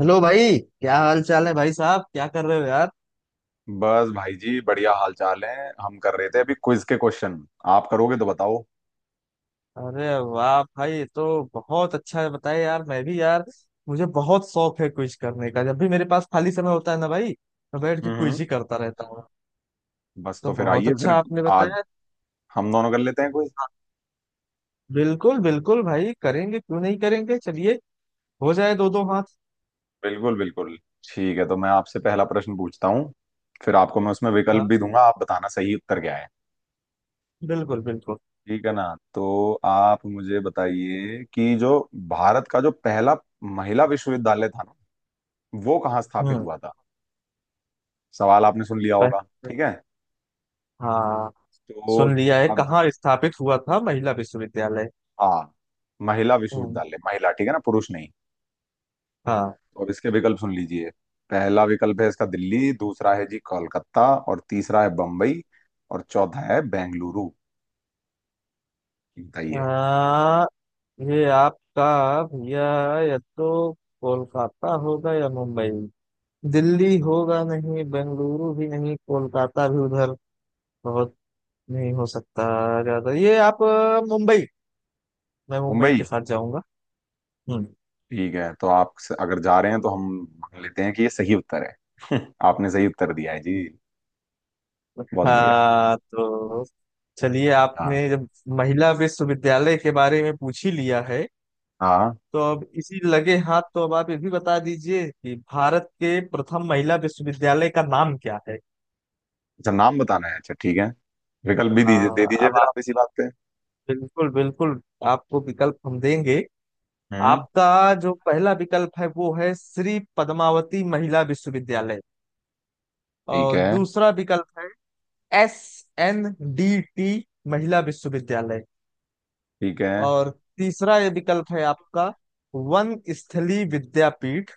Hello भाई, क्या हाल चाल है? भाई साहब क्या कर रहे हो यार? बस भाई जी बढ़िया हाल चाल है। हम कर रहे थे अभी क्विज के क्वेश्चन। आप करोगे तो बताओ। अरे वाह भाई, ये तो बहुत अच्छा है। बताए यार, मैं भी यार, मुझे बहुत शौक है क्विज करने का। जब भी मेरे पास खाली समय होता है ना भाई, मैं बैठ के हम्म। क्विज ही करता रहता हूँ। बस तो तो फिर बहुत आइए फिर। अच्छा आपने आज बताया। हम दोनों कर लेते हैं क्विज। बिल्कुल बिल्कुल भाई, करेंगे क्यों नहीं करेंगे। चलिए हो जाए दो दो हाथ। बिल्कुल बिल्कुल। ठीक है, तो मैं आपसे पहला प्रश्न पूछता हूँ। फिर आपको मैं उसमें विकल्प हाँ, भी दूंगा, आप बताना सही उत्तर क्या है। बिल्कुल बिल्कुल। ठीक है ना? तो आप मुझे बताइए कि जो भारत का जो पहला महिला विश्वविद्यालय था ना, वो कहाँ स्थापित हम्म। हुआ था। सवाल आपने सुन लिया होगा। पह- ठीक है। हाँ, तो सुन लिया है। अब कहाँ स्थापित हुआ था महिला विश्वविद्यालय? हाँ, महिला हम्म। विश्वविद्यालय, महिला, ठीक है ना, पुरुष नहीं। हाँ। और इसके विकल्प सुन लीजिए। पहला विकल्प है इसका दिल्ली, दूसरा है जी कोलकाता, और तीसरा है बम्बई, और चौथा है बेंगलुरु। बताइए। ये आपका भैया, या तो कोलकाता होगा या मुंबई। दिल्ली होगा नहीं, बेंगलुरु भी नहीं, कोलकाता भी उधर बहुत नहीं हो सकता ज्यादा। ये आप मुंबई, मैं मुंबई मुंबई? के साथ जाऊंगा। हम्म। ठीक है, तो अगर जा रहे हैं तो हम मान लेते हैं कि ये सही उत्तर है। आपने सही उत्तर दिया है जी। बहुत बढ़िया। हाँ तो चलिए, हाँ आपने जब महिला विश्वविद्यालय के बारे में पूछ ही लिया है, हाँ हाँ। तो अब इसी लगे हाथ तो अब आप ये भी बता दीजिए कि भारत के प्रथम महिला विश्वविद्यालय का नाम क्या है। अच्छा, नाम बताना है। अच्छा ठीक है। विकल्प भी दीजिए, दे हाँ, दीजिए फिर अब आप इसी बात पे। बिल्कुल बिल्कुल, आपको विकल्प हम देंगे। हम्म। आपका जो पहला विकल्प है वो है श्री पद्मावती महिला विश्वविद्यालय। ठीक और है दूसरा विकल्प है एस एन डी टी महिला विश्वविद्यालय। ठीक है और तीसरा ये विकल्प है आपका वन स्थली विद्यापीठ।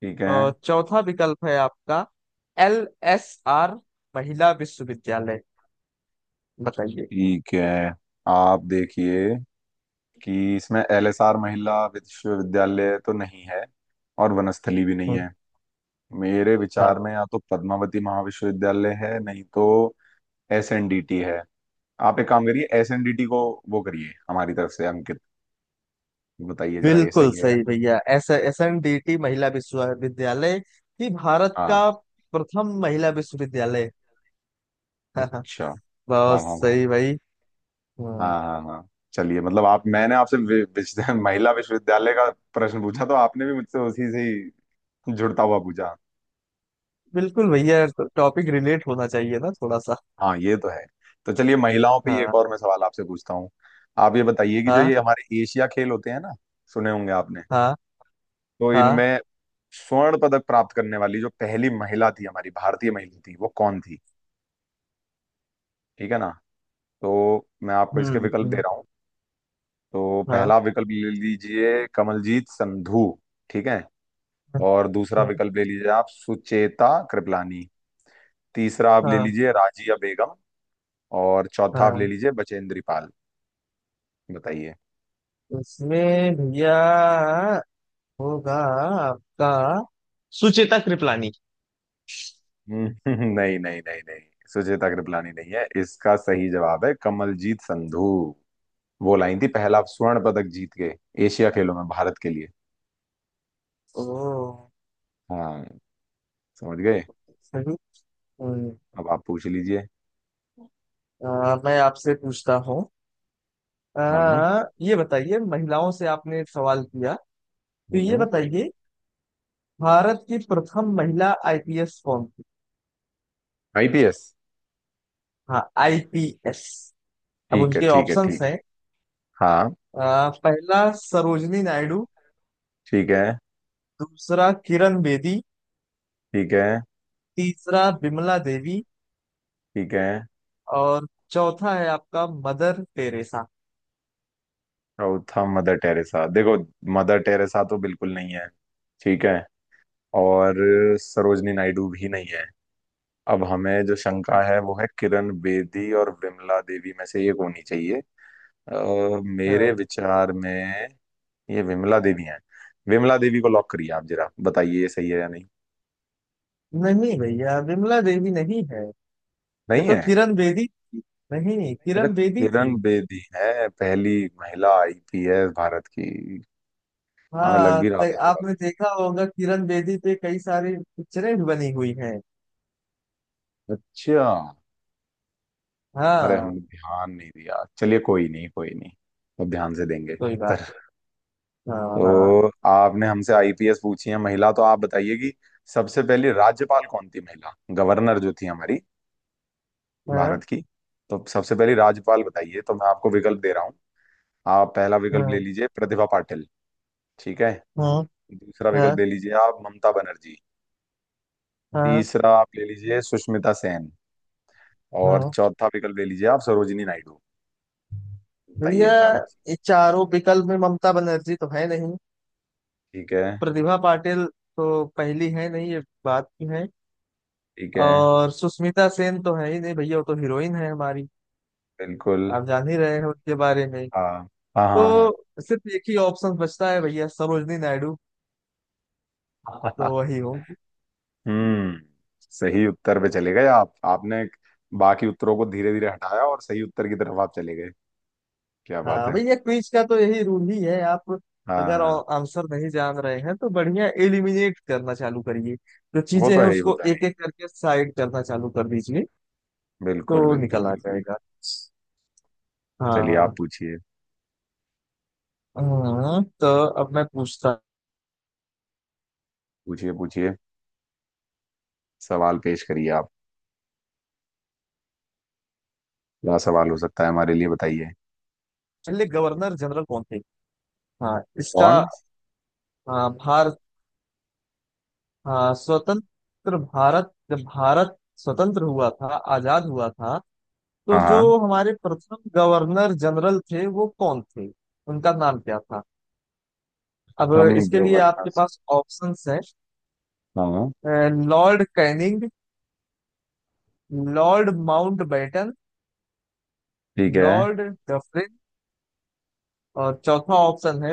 ठीक है और चौथा विकल्प है आपका एल एस आर महिला विश्वविद्यालय। बताइए। ठीक है। आप देखिए कि इसमें एल एस आर महिला विश्वविद्यालय तो नहीं है, और वनस्थली भी नहीं हम्म। है। मेरे विचार हाँ, में या तो पद्मावती महाविश्वविद्यालय है, नहीं तो एस एन डी टी है। आप एक काम करिए, एस एन डी टी को वो करिए हमारी तरफ से अंकित। बताइए जरा ये बिल्कुल सही है या सही नहीं। भैया। S S N D T महिला विश्वविद्यालय ही भारत हाँ। का प्रथम महिला विश्वविद्यालय। अच्छा। हाँ बहुत हाँ हाँ सही भाई। हम्म। हाँ हाँ हाँ चलिए। मतलब आप, मैंने आपसे महिला विश्वविद्यालय का प्रश्न पूछा, तो आपने भी मुझसे उसी से ही जुड़ता हुआ पूछा। बिल्कुल भैया, टॉपिक रिलेट होना चाहिए ना थोड़ा सा। हाँ, ये तो है। तो चलिए, महिलाओं पे ही एक हाँ और मैं सवाल आपसे पूछता हूँ। आप ये बताइए कि जो हाँ ये हमारे एशिया खेल होते हैं ना, सुने होंगे आपने, हाँ तो हाँ। इनमें स्वर्ण पदक प्राप्त करने वाली जो पहली महिला थी, हमारी भारतीय महिला थी, वो कौन थी। ठीक है ना? तो मैं आपको इसके हम्म। विकल्प दे हम्म। रहा हूँ। तो पहला हाँ विकल्प ले लीजिए कमलजीत संधू, ठीक है, और दूसरा हाँ विकल्प ले लीजिए आप सुचेता कृपलानी, तीसरा आप ले हाँ लीजिए राजिया बेगम, और चौथा आप ले हाँ। लीजिए बचेंद्री पाल। बताइए। इसमें भैया होगा आपका सुचेता कृपलानी। हम्म। नहीं नहीं नहीं नहीं, सुचेता कृपलानी नहीं है। इसका सही जवाब है कमलजीत संधू। वो लाइन थी पहला स्वर्ण पदक जीत के एशिया खेलों में भारत के लिए। ओ हाँ, समझ गए? सही। हम्म। अब आप पूछ लीजिए। मैं आपसे पूछता हूँ। हाँ हाँ। ये बताइए, महिलाओं से आपने एक सवाल किया, तो ये हम्म। बताइए भारत की प्रथम महिला आईपीएस कौन थी? आईपीएस? हाँ आईपीएस। अब ठीक है उनके ठीक है ऑप्शंस ठीक है। हैं। हाँ। पहला सरोजनी नायडू। ठीक है दूसरा किरण बेदी। ठीक है तीसरा बिमला देवी। ठीक है। और चौथा है आपका मदर टेरेसा। चौथा मदर टेरेसा, देखो मदर टेरेसा तो बिल्कुल नहीं है। ठीक है। और सरोजनी नायडू भी नहीं है। अब हमें जो शंका है, वो है किरण बेदी और विमला देवी में से एक होनी चाहिए। अ, अच्छा, मेरे विचार में ये विमला देवी हैं। विमला देवी को लॉक करिए आप, जरा बताइए ये सही है या नहीं। नहीं भैया बिमला देवी नहीं है, ये नहीं तो है? किरण बेदी थी। नहीं नहीं, अच्छा, किरण बेदी थी। किरण बेदी है पहली महिला आईपीएस भारत की। हमें लग हाँ, भी रहा था थोड़ा आपने देखा होगा किरण बेदी पे कई सारी पिक्चरें भी बनी हुई हैं। सा। अच्छा। अरे हाँ, हमने ध्यान नहीं दिया, चलिए कोई नहीं कोई नहीं। अब ध्यान से देंगे। कोई बात। हाँ हाँ तो आपने हमसे आईपीएस पूछी है महिला, तो आप बताइए कि सबसे पहली राज्यपाल कौन थी महिला, गवर्नर जो थी हमारी हाँ भारत की। तो सबसे पहली राज्यपाल बताइए। तो मैं आपको विकल्प दे रहा हूँ। आप पहला विकल्प ले हाँ। लीजिए प्रतिभा पाटिल, ठीक है, हाँ दूसरा हाँ विकल्प ले लीजिए आप ममता बनर्जी, हाँ तीसरा आप ले लीजिए सुष्मिता सेन, और हाँ। चौथा विकल्प ले लीजिए आप सरोजिनी नायडू। बताइए भैया, इन चार में से। ये चारों विकल्प में ममता बनर्जी तो है नहीं, ठीक है। प्रतिभा पाटिल तो पहली है नहीं, ये बात की है, ठीक है। और सुष्मिता सेन तो है ही नहीं भैया, वो तो हीरोइन है हमारी, बिल्कुल। आप जान ही रहे हैं उनके बारे में। हाँ हाँ हाँ तो सिर्फ एक ही ऑप्शन बचता है भैया, सरोजनी नायडू, तो हाँ। वही हो। हम्म। सही उत्तर पे चले गए आप। आपने बाकी उत्तरों को धीरे धीरे हटाया और सही उत्तर की तरफ आप चले गए। क्या बात हाँ है। भैया, क्विज का तो यही रूल ही है आप। हाँ अगर हाँ, आंसर नहीं जान रहे हैं तो बढ़िया एलिमिनेट करना चालू करिए। जो वो चीजें तो हैं है ही, वो उसको तो एक है एक करके साइड करना चालू कर दीजिए, ही। बिल्कुल तो बिल्कुल निकल आ बिल्कुल। जाएगा। चलिए आप हाँ। पूछिए। हाँ, तो अब मैं पूछता। पूछिए पूछिए। सवाल पेश करिए आप। क्या सवाल हो सकता है हमारे लिए बताइए। पहले गवर्नर जनरल कौन थे? हाँ इसका। कौन? हाँ, भारत। हाँ, स्वतंत्र भारत, जब भारत स्वतंत्र हुआ था, आजाद हुआ था, तो हाँ। जो हाँ। हमारे प्रथम गवर्नर जनरल थे वो कौन थे, उनका नाम क्या था? अब हम इसके लिए आपके गवर्नर? पास ऑप्शंस है: हाँ। लॉर्ड कैनिंग, लॉर्ड माउंटबेटन, ठीक है। लॉर्ड डफरिन, और चौथा ऑप्शन है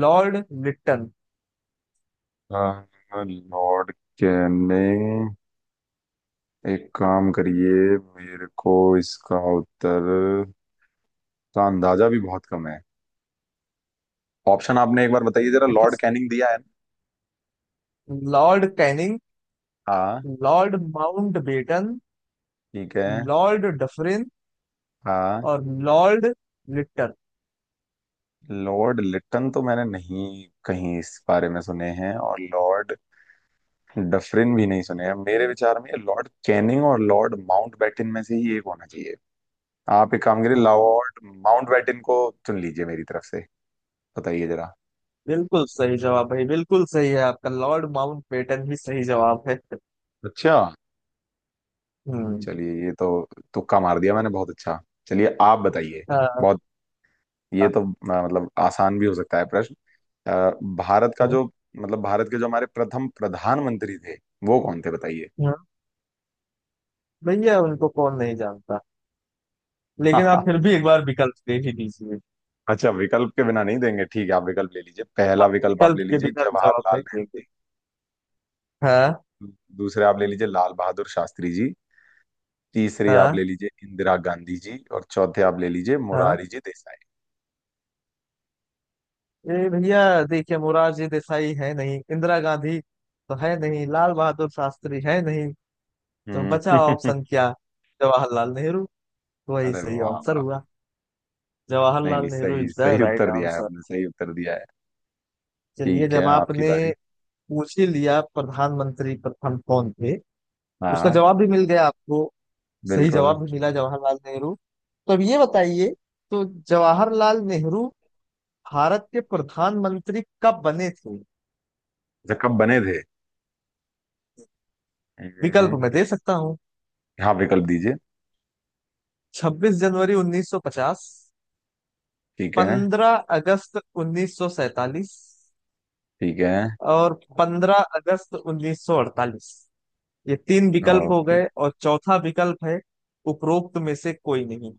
लॉर्ड लिट्टन। अ, लॉर्ड कैने एक काम करिए, मेरे को इसका उत्तर का अंदाजा भी बहुत कम है। ऑप्शन आपने एक बार बताइए जरा, एक तो लॉर्ड कैनिंग दिया है ना? लॉर्ड कैनिंग, हाँ। लॉर्ड माउंटबेटन, ठीक है। लॉर्ड डफरिन, हाँ। और लॉर्ड लिट्टन। लॉर्ड लिटन तो मैंने नहीं कहीं इस बारे में सुने हैं, और लॉर्ड डफरिन भी नहीं सुने हैं। मेरे विचार में ये लॉर्ड कैनिंग और लॉर्ड माउंटबेटन में से ही एक होना चाहिए। आप एक काम करिए, हाँ, लॉर्ड माउंटबेटन को चुन लीजिए मेरी तरफ से। बताइए जरा। बिल्कुल सही जवाब भाई, बिल्कुल सही है आपका। लॉर्ड माउंटबेटन ही सही जवाब है। अच्छा। हम्म। चलिए, ये तो तुक्का मार दिया मैंने, बहुत अच्छा। चलिए आप बताइए। हाँ। बहुत, ये हाँ। तो मतलब आसान भी हो सकता है प्रश्न। आ, भारत का हाँ। जो मतलब भारत के जो हमारे प्रथम प्रधानमंत्री थे, वो कौन थे बताइए। हाँ, भैया उनको कौन नहीं जानता, लेकिन आप फिर भी एक बार विकल्प दे ही दीजिए। अच्छा, विकल्प के बिना नहीं देंगे? ठीक है। आप विकल्प ले लीजिए, पहला हाँ, विकल्प आप विकल्प ले के लीजिए बिना तो जवाब जवाहरलाल नहीं नेहरू देंगे। जी, हाँ दूसरे आप ले लीजिए लाल बहादुर शास्त्री जी, तीसरे आप ले हाँ लीजिए इंदिरा गांधी जी, और चौथे आप ले लीजिए हाँ। मुरारी जी देसाई। ए भैया, देखिए, मोरारजी देसाई है नहीं, इंदिरा गांधी तो है नहीं, लाल बहादुर शास्त्री है नहीं, तो बचा हम्म। ऑप्शन क्या? जवाहरलाल नेहरू, वही अरे सही वाह आंसर वाह। हुआ। नहीं जवाहरलाल नहीं, नेहरू सही इज द सही राइट उत्तर दिया है आंसर। आपने, सही उत्तर दिया है। चलिए, ठीक है, जब आपकी आपने बारी। पूछ ही लिया प्रधानमंत्री प्रथम कौन थे, उसका हाँ। जवाब भी मिल गया आपको, सही बिल्कुल। जवाब भी मिला जवाहरलाल नेहरू। तो अब ये बताइए, तो जवाहरलाल नेहरू भारत के प्रधानमंत्री कब बने थे? अच्छा कब बने थे? विकल्प हम्म, मैं दे सकता हूँ। हाँ, विकल्प दीजिए। 26 जनवरी 1950, ठीक है। 15 अगस्त 1947, ठीक है। और 15 अगस्त 1948, ये तीन विकल्प हो ओके। गए, और चौथा विकल्प है उपरोक्त में से कोई नहीं।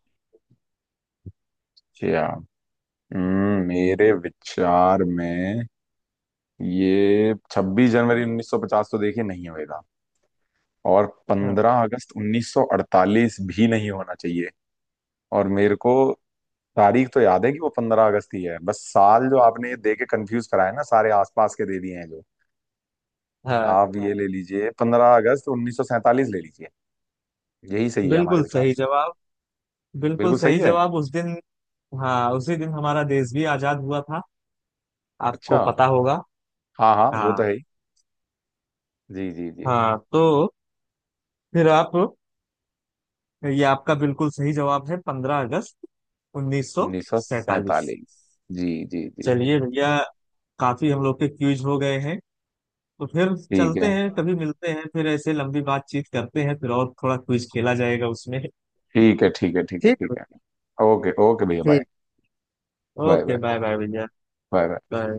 अच्छा। मेरे विचार में ये 26 जनवरी 1950 तो देखिए नहीं होएगा, और हाँ 15 अगस्त 1948 भी नहीं होना चाहिए। और मेरे को तारीख तो याद है कि वो 15 अगस्त ही है, बस साल जो आपने ये दे के कंफ्यूज कराया ना, सारे आसपास के दे दिए हैं जो। हाँ, आप ये ले लीजिए, 15 अगस्त 1947 ले लीजिए, यही सही है हमारे बिल्कुल विचार सही से तो। जवाब, बिल्कुल बिल्कुल सही सही है। जवाब। उस दिन, हाँ, उसी दिन हमारा देश भी आजाद हुआ था, आपको अच्छा। पता होगा। हाँ हाँ, वो तो हाँ है ही। जी जी जी। हाँ, तो फिर आप, ये आपका बिल्कुल सही जवाब है, पंद्रह अगस्त उन्नीस सौ उन्नीस सौ सैतालीस सैतालीस। जी जी जी जी। चलिए भैया, काफी हम लोग के क्यूज हो गए हैं, तो फिर ठीक चलते है हैं। कभी मिलते हैं फिर, ऐसे लंबी बातचीत करते हैं फिर, और थोड़ा क्विज खेला जाएगा उसमें। ठीक है ठीक है ठीक है ठीक है ठीक भाई। है। ओके ओके भैया, बाय। ठीक। Bye bye. Okay bye bye भैया। Bye bye. बाय।